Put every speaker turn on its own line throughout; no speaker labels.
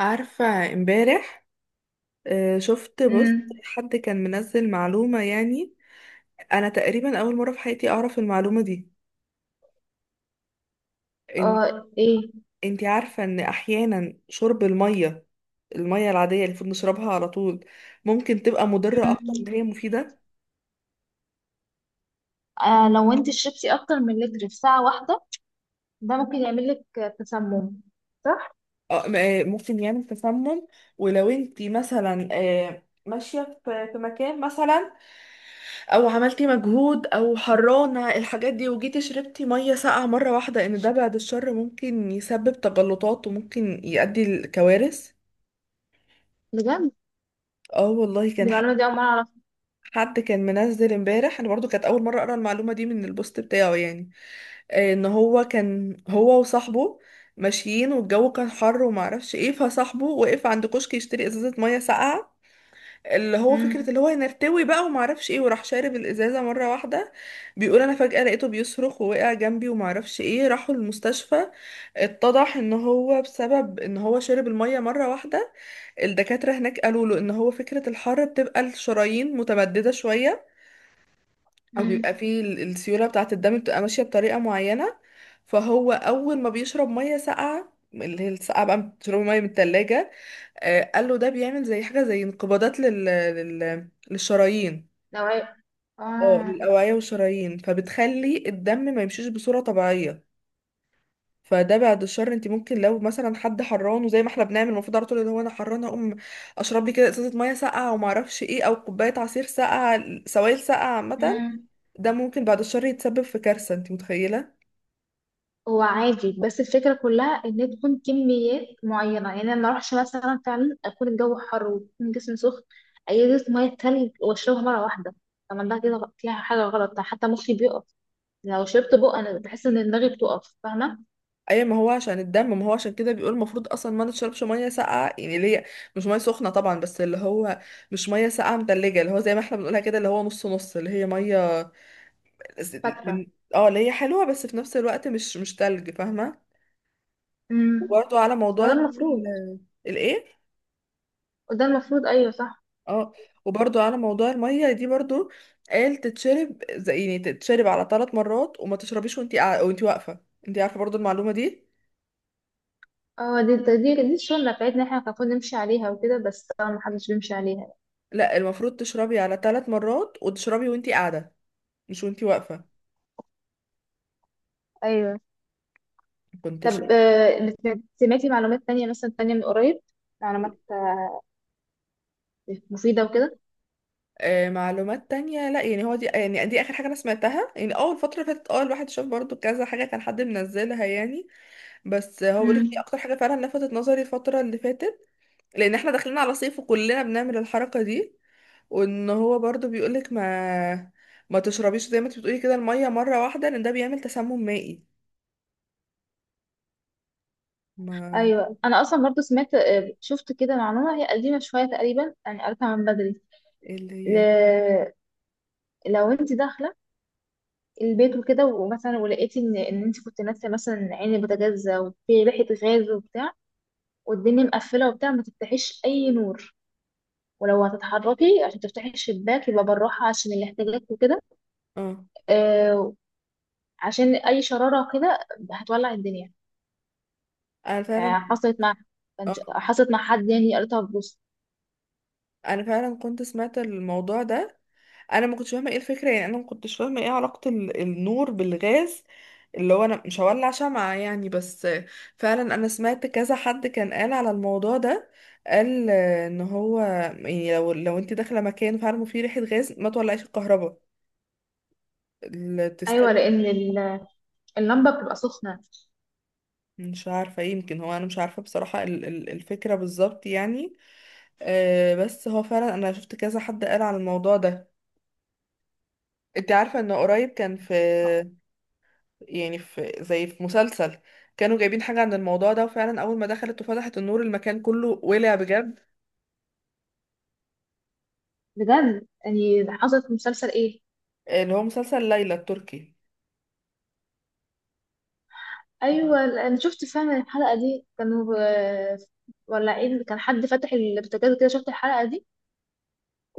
عارفة امبارح؟ شفت بوست
امم
حد كان منزل معلومة، يعني أنا تقريبا أول مرة في حياتي أعرف المعلومة دي. إن
اه ايه.
أنتي عارفة إن أحيانا شرب المية، المية العادية اللي المفروض نشربها على طول ممكن تبقى مضرة أكتر
امم
ما هي مفيدة.
آه، لو انت شربتي اكتر من لتر في ساعة واحدة، ده ممكن يعمل لك تسمم، صح؟
ممكن يعمل تسمم. ولو أنتي مثلا ماشية في مكان مثلا او عملتي مجهود او حرانة الحاجات دي، وجيتي شربتي مية ساقعة مرة واحدة، ان ده بعد الشر ممكن يسبب تجلطات وممكن يؤدي لكوارث.
بجد؟
اه والله،
دي المعلومة دي اول مرة اعرفها.
حد كان منزل امبارح، انا برضو كانت اول مرة اقرا المعلومة دي من البوست بتاعه، يعني ان هو كان هو وصاحبه ماشيين والجو كان حر وما اعرفش ايه، فصاحبه وقف عند كشك يشتري ازازة مية ساقعة، اللي هو فكرة
امم
اللي هو نرتوي بقى وما اعرفش ايه، وراح شارب الازازة مرة واحدة. بيقول انا فجأة لقيته بيصرخ ووقع جنبي وما اعرفش ايه، راحوا المستشفى. اتضح ان هو بسبب ان هو شرب المية مرة واحدة. الدكاترة هناك قالوا له ان هو فكرة الحر بتبقى الشرايين متمددة شوية، او بيبقى
امم
فيه السيوله بتاعه الدم بتبقى ماشيه بطريقه معينه. فهو اول ما بيشرب ميه ساقعه، اللي هي الساقعه بقى بتشرب ميه من التلاجة، آه قال له ده بيعمل زي حاجه، زي انقباضات للشرايين،
لو عي-
اه
اه
للاوعيه والشرايين، فبتخلي الدم ما يمشيش بصوره طبيعيه. فده بعد الشر انت ممكن لو مثلا حد حران، وزي ما احنا بنعمل المفروض على طول، اللي هو انا حران اقوم اشرب لي كده ازازه ميه ساقعه وما اعرفش ايه، او كوبايه عصير ساقعه، سوائل ساقعه عامه،
امم
ده ممكن بعد الشر يتسبب في كارثة، انت متخيلة؟
هو عادي، بس الفكرة كلها ان تكون كميات معينة. يعني انا ما اروحش مثلا فعلا اكون الجو حر ويكون جسمي سخن اجيب مية تلج واشربها مرة واحدة. طب ده كده فيها حاجة غلط؟ حتى مخي بيقف. لو شربت بق انا بحس ان دماغي بتقف، فاهمة؟
اي ما هو عشان الدم، ما هو عشان كده بيقول المفروض اصلا ما نشربش ميه ساقعه، يعني اللي هي مش ميه سخنه طبعا، بس اللي هو مش ميه ساقعه متلجه، اللي هو زي ما احنا بنقولها كده اللي هو نص نص، اللي هي ميه ز-
فاترة.
من اه اللي هي حلوه بس في نفس الوقت مش تلج، فاهمه؟
امم
وبرضو على
وده
موضوع
المفروض
الايه
وده المفروض ايوه صح.
اه وبرضو على موضوع الميه دي برضو، قال تتشرب زي يعني تتشرب على 3 مرات، وما تشربيش وانت واقفه. انت عارفه برضو المعلومه دي؟
اه، دي السنه بتاعتنا احنا كان المفروض نمشي عليها وكده، بس طبعا ما حدش بيمشي عليها.
لا المفروض تشربي على 3 مرات، وتشربي وانتي قاعدة، مش وانتي واقفة.
ايوه.
كنت
طب،
شايفة؟
سمعتي معلومات تانية مثلا، تانية من قريب؟ معلومات مفيده وكده؟
آه معلومات تانية، لا يعني هو دي يعني دي آخر حاجة أنا سمعتها يعني. أول الفترة اللي فاتت اه الواحد شاف برضو كذا حاجة كان حد منزلها يعني. بس هو بيقولك دي
امم
أكتر حاجة فعلا لفتت نظري الفترة اللي فاتت، لأن احنا داخلين على صيف وكلنا بنعمل الحركة دي. وإن هو برضو بيقولك ما تشربيش زي ما انت بتقولي كده المية مرة واحدة، لأن ده بيعمل تسمم مائي. ما
ايوه، انا اصلا برضو سمعت، شفت كده معلومه هي قديمه شويه تقريبا، يعني قريتها من بدري.
ايه اللي
ل...
هي؟
لو انت داخله البيت وكده، ومثلا ولقيتي ان انت كنت ناسيه مثلا عين البوتاجاز وفي ريحه غاز وبتاع، والدنيا مقفله وبتاع، ما تفتحيش اي نور. ولو هتتحركي عشان تفتحي الشباك يبقى بالراحه عشان الاحتياجات وكده.
اه
آه، عشان اي شراره كده هتولع الدنيا.
أنا فعلا
آه،
آه.
حصلت مع حد يعني، قريتها في بوست.
انا فعلا كنت سمعت الموضوع ده. انا ما كنتش فاهمه ايه الفكره، يعني انا ما كنتش فاهمه ايه علاقه النور بالغاز، اللي هو انا مش هولع شمعة يعني، بس فعلا انا سمعت كذا حد كان قال على الموضوع ده. قال ان هو يعني لو انت داخله مكان فعلا فيه ريحه غاز ما تولعيش الكهرباء،
ايوه،
تستني.
لان اللمبه بتبقى سخنه.
مش عارفه، يمكن هو انا مش عارفه بصراحه الفكره بالظبط يعني. بس هو فعلا انا شفت كذا حد قال على الموضوع ده. انت عارفه ان قريب كان في يعني في زي في مسلسل كانوا جايبين حاجة عن الموضوع ده، وفعلا أول ما دخلت وفتحت النور المكان كله ولع بجد.
بجد؟ يعني حصلت في مسلسل ايه؟
اللي هو مسلسل ليلى التركي.
ايوه انا شفت فعلا الحلقه دي، كانوا ولعين، كان حد فتح البوتاجاز كده، شفت الحلقه دي.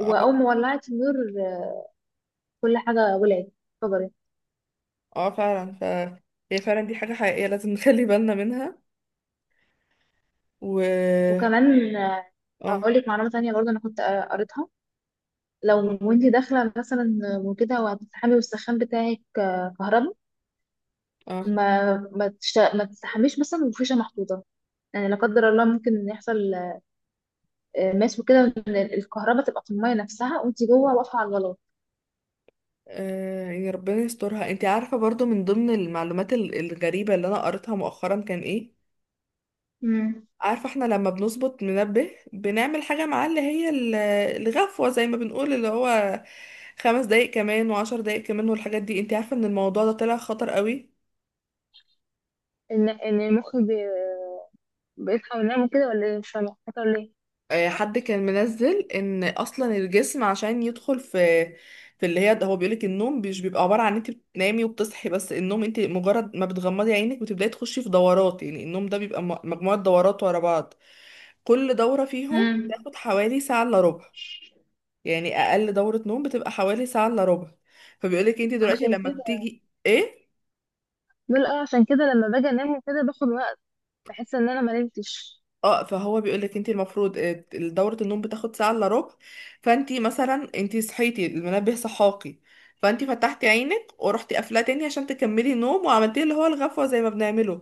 اه
ما ولعت النور آه، كل حاجه ولعت، اتفجرت.
اه فعلا. ف هي فعلا دي حاجة حقيقية لازم نخلي بالنا منها. و
وكمان
اه
هقول لك معلومة تانية برضه، أنا كنت قريتها. لو وانتي داخلة مثلا وكده وهتستحمي والسخان بتاعك كهرباء،
اه
ما تستحميش مثلا وفيشة محطوطة. يعني لا قدر الله ممكن يحصل ماس وكده، وإن الكهرباء تبقى في المية نفسها وانتي جوه واقفة على الغلاط.
يعني ربنا يسترها. انت عارفة برضو من ضمن المعلومات الغريبة اللي انا قريتها مؤخرا كان ايه؟
امم
عارفة احنا لما بنظبط منبه بنعمل حاجة معاه اللي هي الغفوة زي ما بنقول، اللي هو 5 دقايق كمان وعشر دقايق كمان والحاجات دي، انت عارفة ان الموضوع ده طلع خطر قوي؟
ان المخ بيصحى وينام وكده، ولا ايه؟ مش فاهمه خطر ليه.
اه، حد كان منزل ان اصلا الجسم عشان يدخل في في اللي هي، هو بيقولك النوم مش بيبقى عبارة عن انت بتنامي وبتصحي بس، النوم انت مجرد ما بتغمضي عينك بتبداي تخشي في دورات، يعني النوم ده بيبقى مجموعة دورات ورا بعض. كل دورة فيهم
مم.
بتاخد حوالي ساعة الا ربع، يعني اقل دورة نوم بتبقى حوالي ساعة الا ربع. فبيقولك انت دلوقتي
عشان
لما
كده
بتيجي ايه،
بقول اه، عشان كده لما باجي انام وكده باخد وقت، بحس ان انا ما نمتش.
اه فهو بيقولك انت المفروض دورة النوم بتاخد ساعة الا ربع. فانت مثلا انت صحيتي المنبه صحاكي، فانت فتحتي عينك ورحتي قافلاه تاني عشان تكملي النوم، وعملتي اللي هو الغفوة زي ما بنعمله،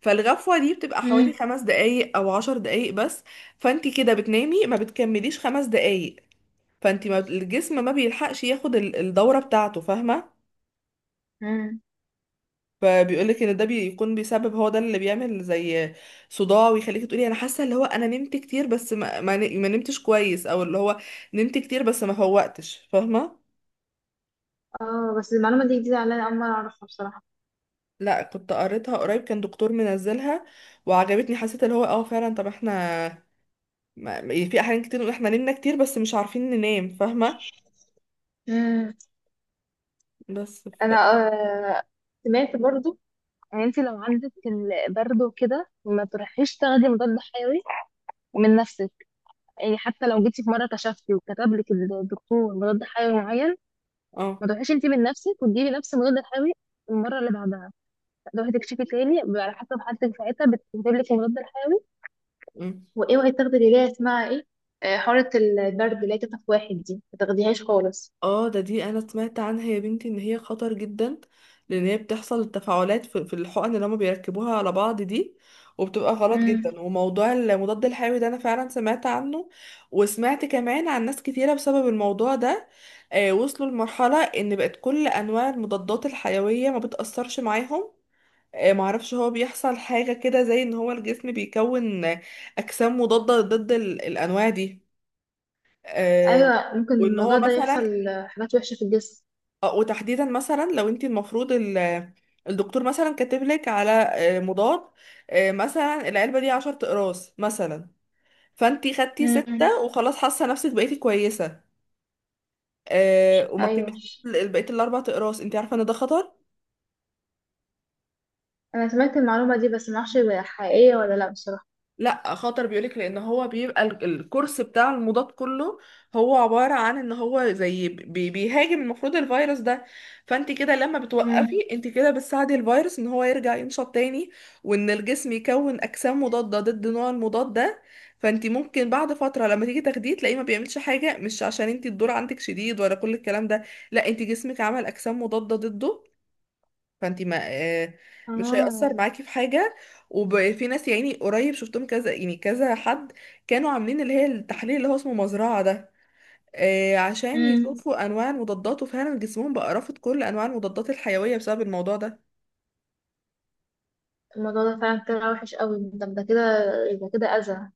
فالغفوة دي بتبقى حوالي
مم.
5 دقايق او 10 دقايق بس. فانت كده بتنامي ما بتكمليش 5 دقايق، فانت ما الجسم ما بيلحقش ياخد الدورة بتاعته، فاهمة؟
مم.
فبيقولك ان ده بيكون بيسبب، هو ده اللي بيعمل زي صداع، ويخليكي تقولي انا حاسه اللي هو انا نمت كتير بس ما نمتش كويس، او اللي هو نمت كتير بس ما فوقتش، فاهمه؟
اه بس المعلومة دي جديدة عليا، أول مرة أعرفها بصراحة.
لا كنت قريتها قريب، كان دكتور منزلها وعجبتني، حسيت اللي هو اه فعلا. طب احنا في احيان كتير نقول احنا نمنا كتير بس مش عارفين ننام، فاهمه؟
امم
بس ف...
أنا آه سمعت برضو، يعني انت لو عندك البرد وكده ما تروحيش تاخدي مضاد حيوي من نفسك. يعني حتى لو جيتي في مرة كشفتي وكتب لك الدكتور مضاد حيوي معين، ما
اه
تروحيش انت من نفسك وتجيبي نفس المضاد الحيوي المرة اللي بعدها. تروحي تكشفي تاني، بيبقى على حسب حالتك ساعتها بتكتب لك المضاد الحيوي.
إمم.
واوعي تاخدي اللي هي اسمها ايه، حارة البرد اللي هي تطف واحد دي ما تاخديهاش خالص.
اه ده دي انا سمعت عنها يا بنتي ان هي خطر جدا، لان هي بتحصل التفاعلات في الحقن اللي هما بيركبوها على بعض دي، وبتبقى غلط جدا. وموضوع المضاد الحيوي ده انا فعلا سمعت عنه، وسمعت كمان عن ناس كتيرة بسبب الموضوع ده آه وصلوا لمرحلة ان بقت كل انواع المضادات الحيوية ما بتأثرش معاهم. آه معرفش هو بيحصل حاجة كده زي ان هو الجسم بيكون اجسام مضادة ضد الانواع دي. آه،
ايوه، ممكن
وان هو
الموضوع ده
مثلا
يحصل حاجات وحشه في الجسم.
وتحديدا مثلا لو انت المفروض الدكتور مثلا كاتب لك على مضاد، مثلا العلبه دي 10 اقراص مثلا، فانت خدتي
امم
سته وخلاص حاسه نفسك بقيتي كويسه، وما
ايوه
كملتيش بقيه ال4 اقراص، انت عارفه ان ده خطر؟
انا سمعت المعلومه دي، بس ما اعرفش هي حقيقيه ولا لا بصراحه.
لا خطر، بيقولك لان هو بيبقى الكورس بتاع المضاد كله هو عبارة عن ان هو زي بي بيهاجم المفروض الفيروس ده، فانت كده لما بتوقفي
امم
انت كده بتساعدي الفيروس ان هو يرجع ينشط تاني، وان الجسم يكون اجسام مضادة ضد نوع المضاد ده. فانت ممكن بعد فترة لما تيجي تاخديه تلاقيه ما بيعملش حاجة، مش عشان انت الدور عندك شديد ولا كل الكلام ده، لا انت جسمك عمل اجسام مضادة ضده، فانت ما مش هيأثر
اه
معاكي في حاجة. وفي ناس يعني قريب شفتهم كذا، يعني كذا حد كانوا عاملين اللي هي التحليل اللي هو اسمه مزرعة ده، عشان
امم
يشوفوا انواع المضادات، وفعلا جسمهم بقى رافض كل انواع المضادات الحيوية بسبب الموضوع ده.
الموضوع ده فعلا طلع وحش قوي. ده ده كده يبقى كده اذى،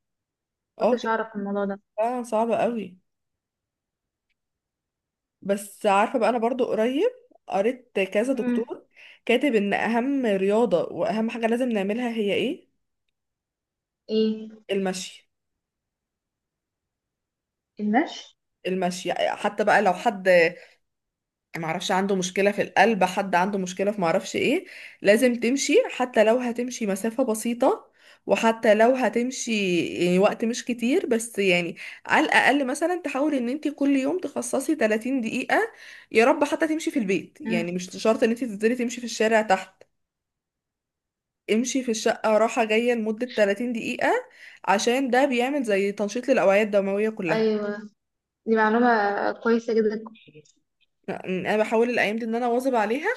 اه
كنتش
كانت
اعرف الموضوع ده.
فعلا صعبة قوي. بس عارفة بقى انا برضو قريب قريت كذا
امم
دكتور كاتب ان اهم رياضة واهم حاجة لازم نعملها هي ايه؟
ايه؟
المشي.
النش.
المشي حتى بقى لو حد معرفش عنده مشكلة في القلب، حد عنده مشكلة في معرفش ايه، لازم تمشي حتى لو هتمشي مسافة بسيطة، وحتى لو هتمشي يعني وقت مش كتير بس يعني على الأقل مثلا تحاول ان انت كل يوم تخصصي 30 دقيقة. يا رب حتى تمشي في البيت
امم
يعني، مش شرط ان انت تنزلي تمشي في الشارع تحت، امشي في الشقة راحة جاية لمدة 30 دقيقة، عشان ده بيعمل زي تنشيط للأوعية الدموية كلها.
ايوه، دي معلومه كويسه جدا.
انا بحاول الايام دي ان انا واظب عليها،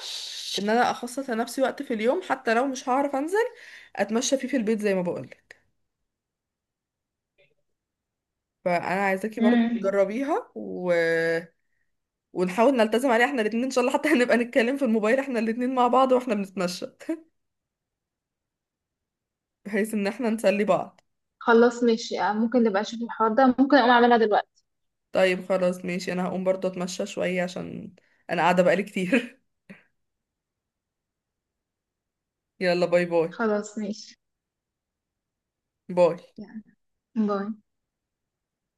ان انا اخصص لنفسي وقت في اليوم، حتى لو مش هعرف انزل اتمشى فيه في البيت زي ما بقولك. فانا عايزاكي برضو
امم
تجربيها ونحاول نلتزم عليها احنا الاتنين ان شاء الله، حتى هنبقى نتكلم في الموبايل احنا الاتنين مع بعض واحنا بنتمشى بحيث ان احنا نسلي بعض.
خلاص ماشي، ممكن نبقى نشوف الحوار ده، ممكن اقوم اعملها دلوقتي.
طيب خلاص ماشي، انا هقوم برضو اتمشى شوية عشان انا قاعدة بقالي كتير. يلا باي باي.
خلاص ماشي
باي.
يعني. باي.